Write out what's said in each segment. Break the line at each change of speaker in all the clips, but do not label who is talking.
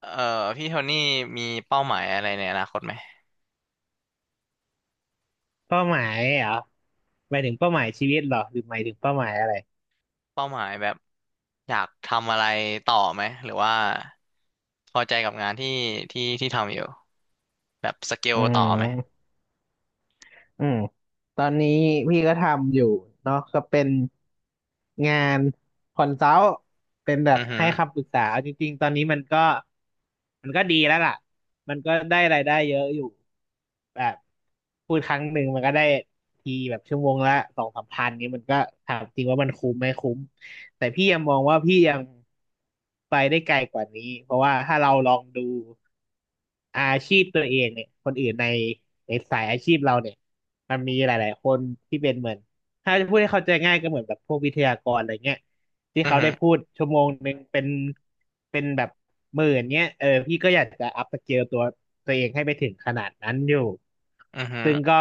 เอ่อพี่โทนี่มีเป้าหมายอะไรในอนาคตไหม
เป้าหมายเหรอหมายถึงเป้าหมายชีวิตเหรอหรือหมายถึงเป้าหมายอะไร
เป้าหมายแบบอยากทำอะไรต่อไหมหรือว่าพอใจกับงานที่ทำอยู่แบบสเกล
อื
ต่อไหม
มอืมตอนนี้พี่ก็ทำอยู่เนาะก็เป็นงานคอนซัลท์เป็นแบบ
อือหื
ให้
อ
คำปรึกษาเอาจริงๆตอนนี้มันก็ดีแล้วล่ะมันก็ได้รายได้เยอะอยู่แบบพูดครั้งหนึ่งมันก็ได้ทีแบบชั่วโมงละสองสามพันนี้มันก็ถามจริงว่ามันคุ้มไหมคุ้ม แต่พี่ยังมองว่าพี่ยังไปได้ไกลกว่านี้เพราะว่าถ้าเราลองดูอาชีพตัวเองเนี่ยคนอื่นในสายอาชีพเราเนี่ยมันมีหลายๆคนที่เป็นเหมือนถ้าจะพูดให้เข้าใจง่ายก็เหมือนแบบพวกวิทยากรอะไรเงี้ยที่
อือ
เขา
หื
ได้
อ
พูดชั่วโมงหนึ่งเป็นแบบหมื่นเนี้ยเออพี่ก็อยากจะอัพสเกลตัวเองให้ไปถึงขนาดนั้นอยู่
อือหือ
ซึ่งก็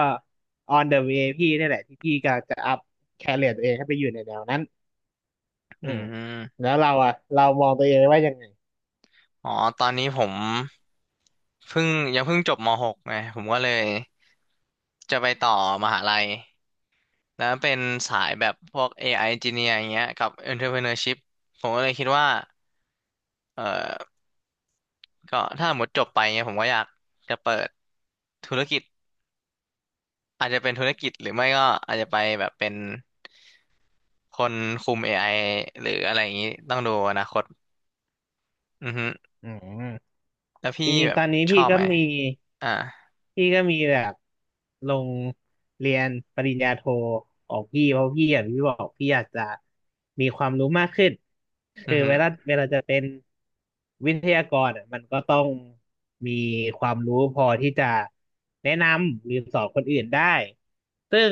on the way พี่นี่แหละที่พี่กำลังจะอัพแคเรียร์ตัวเองให้ไปอยู่ในแนวนั้น
อื
อืม
ม
แล้วเราอ่ะเรามองตัวเองไว้ยังไง
อ๋อตอนนี้ผมเพิ่งเพิ่งจบมหกไงผมก็เลยจะไปต่อมหาลัยแล้วเป็นสายแบบพวก AI Engineer อย่างเงี้ยกับ Entrepreneurship ผมก็เลยคิดว่าเอ่อ ก็ถ้าหมดจบไปเนี่ยผมก็อยากจะเปิดธุรกิจอาจจะเป็นธุรกิจหรือไม่ก็อาจจะไปแบบเป็นคนคุม AI หรืออะไรอย่างนี้ต้องดูอนาคตอือฮึ
อืม
แล้วพี่
จริง
แบ
ๆต
บ
อนนี้
ชอ
พี่
บ
ก็
ไหม
มี
อ่า
พี่ก็มีแบบลงเรียนปริญญาโทของพี่เพราะพี่อย่างที่บอกพี่อยากจะมีความรู้มากขึ้น
อื
คื
อ
อ
ฮึ
เวลาจะเป็นวิทยากรอะมันก็ต้องมีความรู้พอที่จะแนะนำหรือสอนคนอื่นได้ซึ่ง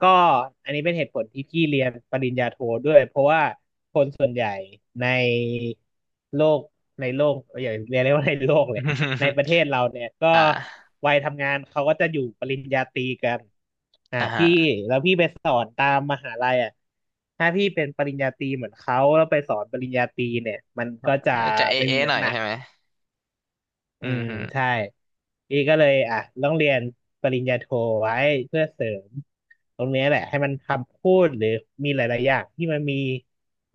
ก็อันนี้เป็นเหตุผลที่พี่เรียนปริญญาโทด้วยเพราะว่าคนส่วนใหญ่ในโลกในโลกอย่าเรียกว่าในโลกเลย ในประเทศเราเนี่ย ก็
อ่า
วัยทำงานเขาก็จะอยู่ปริญญาตรีกันอ่า
อ่าฮะ
พี่แล้วพี่ไปสอนตามมหาลัยอ่ะถ้าพี่เป็นปริญญาตรีเหมือนเขาแล้วไปสอนปริญญาตรีเนี่ยมันก็จะ
จะเอ
ไม่
เอ
มี
หน่อ
น้ำ
ย
หนัก
ใช่ไหม
อื
อือ
ม
ฮึ
ใช่พี่ก็เลยอ่ะต้องเรียนปริญญาโทไว้เพื่อเสริมตรงเนี้ยแหละให้มันคำพูดหรือมีหลายๆอย่างที่มันมี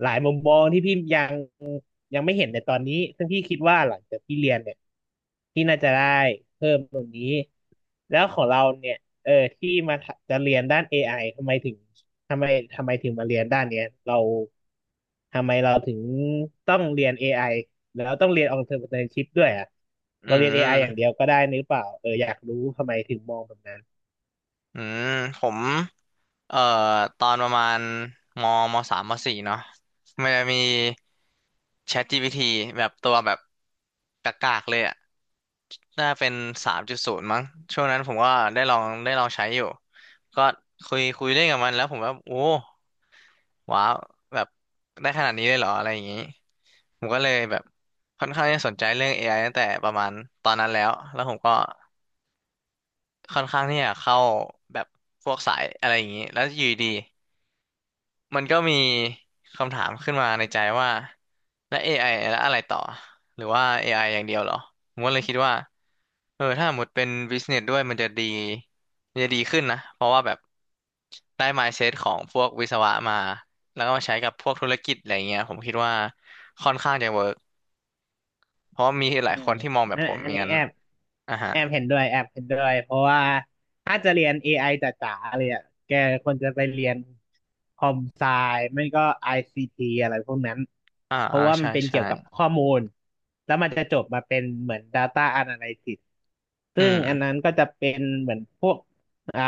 หลายมุมมองที่พี่ยังไม่เห็นในตอนนี้ซึ่งพี่คิดว่าหลังจากพี่เรียนเนี่ยพี่น่าจะได้เพิ่มตรงนี้แล้วของเราเนี่ยเออที่มาจะเรียนด้าน อไอทำไมถึงทำไมทำไมถึงมาเรียนด้านเนี้ยเราทำไมเราถึงต้องเรียนเอไอ แล้วต้องเรียน alternative ด้วยอ่ะ
อื
เราเรียน อไออย่างเดี
ม
ยวก็ได้นี่หรือเปล่าเอออยากรู้ทำไมถึงมองแบบนั้น
อืมผมเอ่อตอนประมาณมมสามมสี่เนาะมันจะมี ChatGPT แบบตัวแบบกากๆเลยอะ น่าเป็น3.0มั้งช่วงนั้นผมก็ได้ลองใช้อยู่ก็คุยเล่นกับมันแล้วผมว่าโอ้ว้าวแบบได้ขนาดนี้เลยเหรออะไรอย่างนี้ผมก็เลยแบบค่อนข้างที่จะสนใจเรื่อง AI ตั้งแต่ประมาณตอนนั้นแล้วผมก็ค่อนข้างที่จะเข้าแบบพวกสายอะไรอย่างนี้แล้วอยู่ดี มันก็มีคำถามขึ้นมาในใจว่าแล้ว AI แล้วอะไรต่อหรือว่า AI อไออย่างเดียวเหรอผมก็เลยคิดว่าเออถ้าหมดเป็น business ด้วยมันจะดีมันจะดีขึ้นนะเพราะว่าแบบได้ mindset ของพวกวิศวะมาแล้วก็มาใช้กับพวกธุรกิจอะไรเงี้ยผมคิดว่าค่อนข้างจะเวิร์กเพราะว่ามีหลา
อื
ยค
ม
นที่มองแบบ
อัน
ผมอ
อัน
ย่าง
นี้
นั้น
แอบ
อ่าฮะ
แอบเห็นด้วยแอบเห็นด้วยเพราะว่าถ้าจะเรียน AI จ๋าๆเลยอ่ะแกควรจะไปเรียนคอมไซไม่ก็ ICT อซีทีอะไรพวกนั้น
อ่า
เพ
อ่า
ราะว่ามั
ใช่
นเป็น
ใช่
เกี่ยวกับข้อมูลแล้วมันจะจบมาเป็นเหมือน Data Analysis
อื
ซึ่งอันนั้น
ม
ก็จะเป็นเหมือนพวกอ่า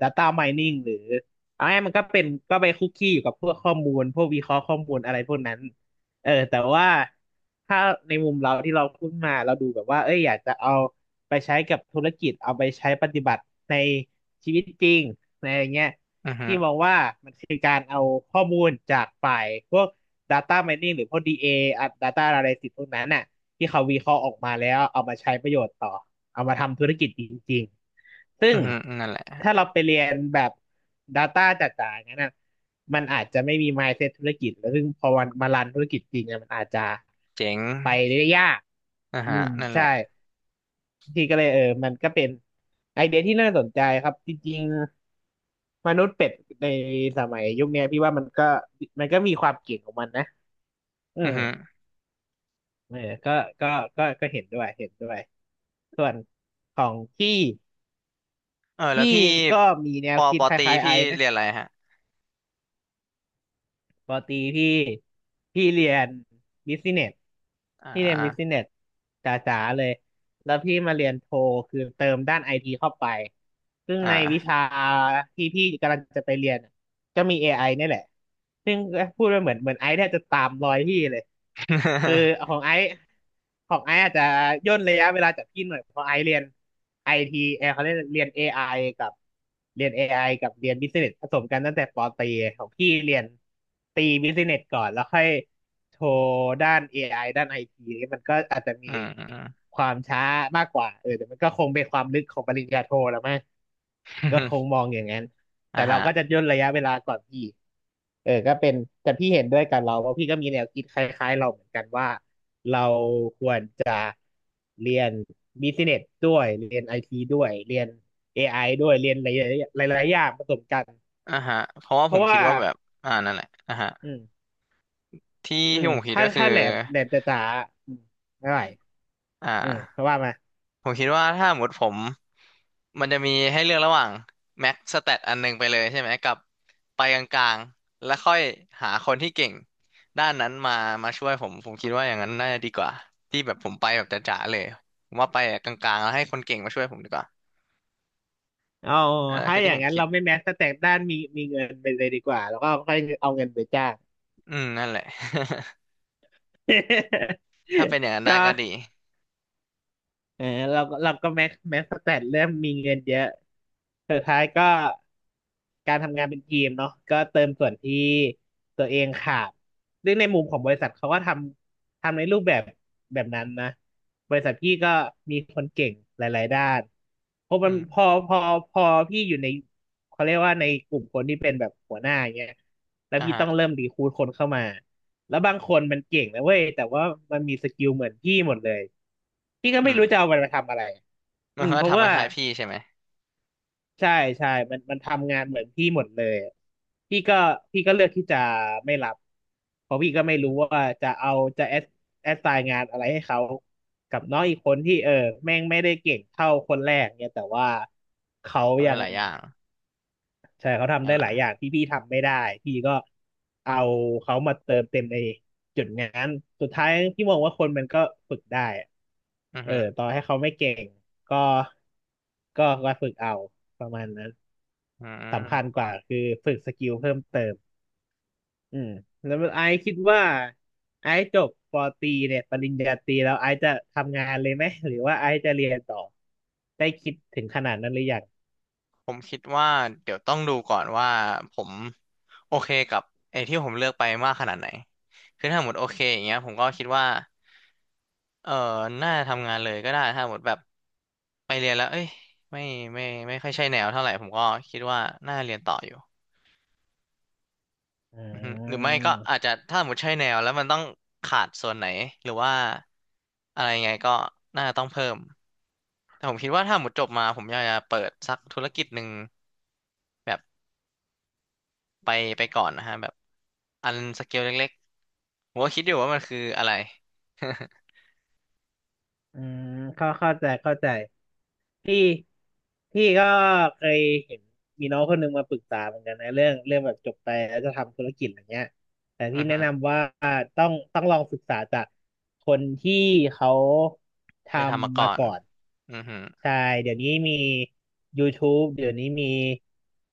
Data Mining หรือเอาง่ายๆมันก็เป็นก็ไปคุกคีอยู่กับพวกข้อมูลพวกวิเคราะห์ข้อมูลอะไรพวกนั้น เออแต่ว่าถ้าในมุมเราที่เราพูดมาเราดูแบบว่าเอ้ยอยากจะเอาไปใช้กับธุรกิจเอาไปใช้ปฏิบัติในชีวิตจริงในอะไรเงี้ย
อือฮึ
ที่มองว่ามันคือการเอาข้อมูลจากฝ่ายพวก Data Mining หรือพวก DA ออ่ะ Data Analysis พวกนั้นน่ะที่เขาวิเคราะห์ออกมาแล้วเอามาใช้ประโยชน์ต่อเอามาทำธุรกิจจริงๆซึ่
อื
ง
อฮึอือนั่นแหละ
ถ้าเราไปเรียนแบบ Data จ๋าๆอย่างนั้นน่ะ มันอาจจะไม่มี mindset ธุรกิจแล้วซึ่งพอวันมารันธุรกิจจริงเนี่ยมันอาจจะ
เจ๋ง
ไปได้ยาก
อ่า
อื
ฮะ
ม
นั่นแห
ใช่
ละ
ที่ก็เลยเออมันก็เป็นไอเดียที่น่าสนใจครับจริงๆมนุษย์เป็ดในสมัยยุคเนี้ยพี่ว่ามันก็มีความเก่งของมันนะเออ
อือฮึ
เออก็ก็ก็เห็นด้วยเห็นด้วยส่วนของพี่
เออแล้ว
พี่
พี่
ก็มีแน
ป
ว
อ
คิ
ป
ด
อ
ค
ตรี
ล้ายๆไอ
พี่
นะ
เรียนอะไรฮะ
ปอตรีพี่พี่เรียนบิสเนส
อ่
พี่เรียนบิส
า
เนสจ๋าๆเลยแล้วพี่มาเรียนโทคือเติมด้านไอทีเข้าไปซึ่งในวิ
อ่า
ชาที่พี่กำลังจะไปเรียนก็มี AI นี่แหละซึ่งพูดไปเหมือนไอซ์เนี่ยจะตามรอยพี่เลย คือของไอซ์ของไอซ์อาจจะย่นระยะเวลาจากพี่หน่อยเพราะไอซ์เรียนไอทีเขาเรียนเอไอกับเรียนเอไอกับเรียนบิสเนสผสมกันตั้งแต่ปอตรีของพี่เรียนตีบิสเนสก่อนแล้วค่อยโทรด้านเอไอด้านไอทีมันก็อาจจะ มี
อืมอืมอืม
ความช้ามากกว่าแต่มันก็คงเป็นความลึกของปริญญาโทแล้วมั้งก็ค งมองอย่างนั้น
อ่า
แต่เรา
ฮะ
ก็จะย่นระยะเวลาก่อนพี่ ก็เป็นแต่พี่เห็นด้วยกับเราว่าะพี่ก็มีแนวคิดคล้ายๆเราเหมือนกันว่าเราควรจะเรียนบิสเนสด้วยเรียนไอทีด้วยเรียน AI ด้วยเรียนหลายๆหลายๆอย่างผสมกัน
อ่าฮะเพราะว่า
เพ
ผ
ราะ
มคิ
ว่า
ดว่าแบบอ่านั่นแหละอ่าฮะ
อืม
ที่ที่ผมคิด
ถ้า
ก็คือ
ถ้าแหลมแหลมจ๋าๆไม่ไหว
อ่
เพ
า
ราะว่ามา
ผมคิดว่าถ้าหมดผมมันจะมีให้เลือกระหว่างแม็กสแตทอันหนึงไปเลยใช่ไหมกับไปกลางๆแล้วค่อยหาคนที่เก่งด้านนั้นมาช่วยผมผมคิดว่าอย่างนั้นน่าจะดีกว่าที่แบบผมไปแบบจ๋าๆเลยผมว่าไปกลางๆแล้วให้คนเก่งมาช่วยผมดีกว่า
เอา
อันนั้น
ถ้า
คือ
อ
ที่
ย่า
ผ
ง
ม
นั้น
คิด
เราไม่แม้สแต็กด้านมีมีเงินไปเลยดีกว่าแล้วก็ค่อยเอาเงินไปจ้าง
อืมนั่นแหละ ถ้าเป็นอย่างนั้น ได้
ก็
ก็ดี
เออเราก็แม็กแม็กสแตทเริ่มมีเงินเยอะสุดท้ายก็การทำงานเป็นทีมเนาะก็เติมส่วนที่ตัวเองขาดซึ่งในมุมของบริษัทเขาก็ทำในรูปแบบแบบนั้นนะบริษัทพี่ก็มีคนเก่งหลายๆด้านพอ
อื
มัน
ม
พอพอพอพี่อยู่ในเขาเรียกว่าในกลุ่มคนที่เป็นแบบหัวหน้าอย่างเงี้ยแล้ว
อ่ะ
พี่
ฮะ
ต้องเริ่มรีครูทคนเข้ามา แล้วบางคนมันเก่งนะเว้ยแต่ว่ามันมีสกิลเหมือนพี่หมดเลยพี่ก็
อื
ไม่
ม
รู้จะเอามันมาทำอะไร
มันก็
เพราะ
ทำค
ว่า
ล้ายๆพี่ใช่ไหม
ใช่ใช่มันทำงานเหมือนพี่หมดเลยพี่ก็พี่ก็เลือกที่จะไม่รับเพราะพี่ก็ไม่
อื
รู้
ม
ว่าจะเอาจะแอดไซน์งานอะไรให้เขากับน้องอีกคนที่แม่งไม่ได้เก่งเท่าคนแรกเนี่ยแต่ว่าเขา
ทำ
ยั
ได้
ง
หลายอย่าง
ใช่เขาทำ
งั้
ได้
น
หลายอย่า
ล่ะ
งที่พี่ทำไม่ได้พี่ก็เอาเขามาเติมเต็มในจุดนั้นสุดท้ายพี่มองว่าคนมันก็ฝึกได้อะ
อือฮึ
ต่อให้เขาไม่เก่งก็ก็ฝึกเอาประมาณนั้น
อื
สำคัญ
ม
กว่าคือฝึกสกิลเพิ่มเติมอืมแล้วไอซ์คิดว่าไอซ์จบปอตรีเนี่ยปริญญาตรีแล้วไอซ์จะทำงานเลยไหมหรือว่าไอซ์จะเรียนต่อได้คิดถึงขนาดนั้นหรือยัง
ผมคิดว่าเดี๋ยวต้องดูก่อนว่าผมโอเคกับไอ้ที่ผมเลือกไปมากขนาดไหนคือถ้าหมดโอเคอย่างเงี้ยผมก็คิดว่าเออน่าจะทำงานเลยก็ได้ถ้าหมดแบบไปเรียนแล้วเอ้ยไม่ไม่ไม่ค่อยใช่แนวเท่าไหร่ผมก็คิดว่าน่าเรียนต่ออยู่
อ่
อือฮึหรือไม่ก็อาจ
า
จะถ้าสมมติใช่แนวแล้วมันต้องขาดส่วนไหนหรือว่าอะไรยังไงก็น่าจะต้องเพิ่มแต่ผมคิดว่าถ้าหมดจบมาผมอยากจะเปิดสักธุรกิจหนึ่งแบบไปไปก่อนนะฮะแบบอันสเกลเล็กๆผมก็คิดอยู่ว่ามันคืออะไร
อืมเข้าใจเข้าใจพี่พี่ก็เคยเห็นมีน้องคนหนึ่งมาปรึกษาเหมือนกันนะเรื่องแบบจบไปแล้วจะทำธุรกิจอะไรเงี้ยแต่
อื
พี่
อ
แนะ
ฮึ
นำว่าต้องลองศึกษาจากคนที่เขาท
เคยทำมา
ำ
ก่
มา
อน
ก่อน
อือฮึ
ใช่เดี๋ยวนี้มี YouTube เดี๋ยวนี้มี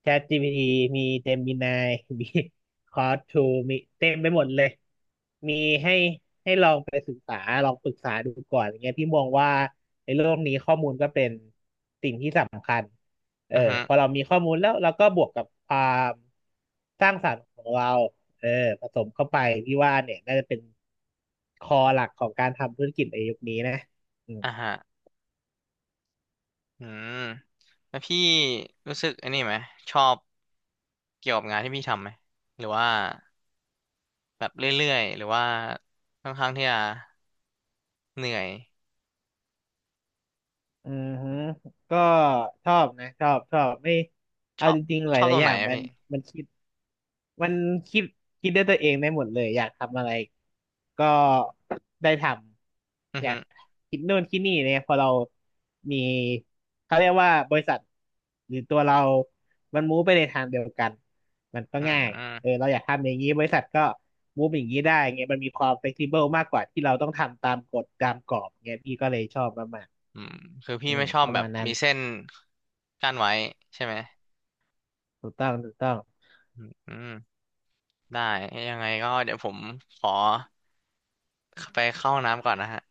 ChatGPT มี Gemini มี Claude 2มีเต็มไปหมดเลยมีให้ ษาลองปรึกษาดูก่อนอย่างเงี้ยพี่มองว่าในโลกนี้ข้อมูลก็เป็นสิ่งที่สำคัญเออ
อือฮึ
พอเรามีข้อมูลแล้วเราก็บวกกับความสร้างสรรค์ของเราเออผสมเข้าไปพี่ว่าเนี่ยน่าจะเป็นคอหลักของการทำธุรกิจในยุคนี้นะอืม
อ่ะฮะอืมแล้วพี่รู้สึกอันนี้ไหมชอบเกี่ยวกับงานที่พี่ทำไหมหรือว่าแบบเรื่อยๆหรือว่าค่อนข้างที่จะ เหนื่อย
อือฮึก็ก็ชอบนะชอบชอบไม่
ช
เอา
อบ
จริงๆห
ชอบ
ลา
ตร
ยๆ
ง
อ
ไหน
ย่าง
อะ
มัน
พี่
มันคิด มันคิดคิดด้วยตัวเองได้หมดเลยอยากทำอะไรก็ได้ท
อื
ำ
อ
อยา
ฮึ
กคิดนู่นคิดนี่เนี่ยพอเรามีเขาเรียกว่าบริษัทหรือตัวเรามันมูฟไปในทางเดียวกันมันก็
อืม
ง่าย
อืม
เราอยากทำอย่างนี้บริษัทก็มูฟอย่างนี้ได้ไงมันมีความ flexible มากกว่าที่เราต้องทำตามกฎตามกรอบเงี้ยพี่ก็เลยชอบมาก
อืมคือ
ๆ
พี่ไม่ชอบ
ประ
แบ
มา
บ
ณนั้น
มีเส้นกั้นไว้ใช่ไหม
ถูกต้องถูกต้อง
อืมได้ยังไงก็เดี๋ยวผมขอไปเข้าห้องน้ำก่อนนะฮะ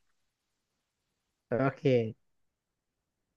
โอเค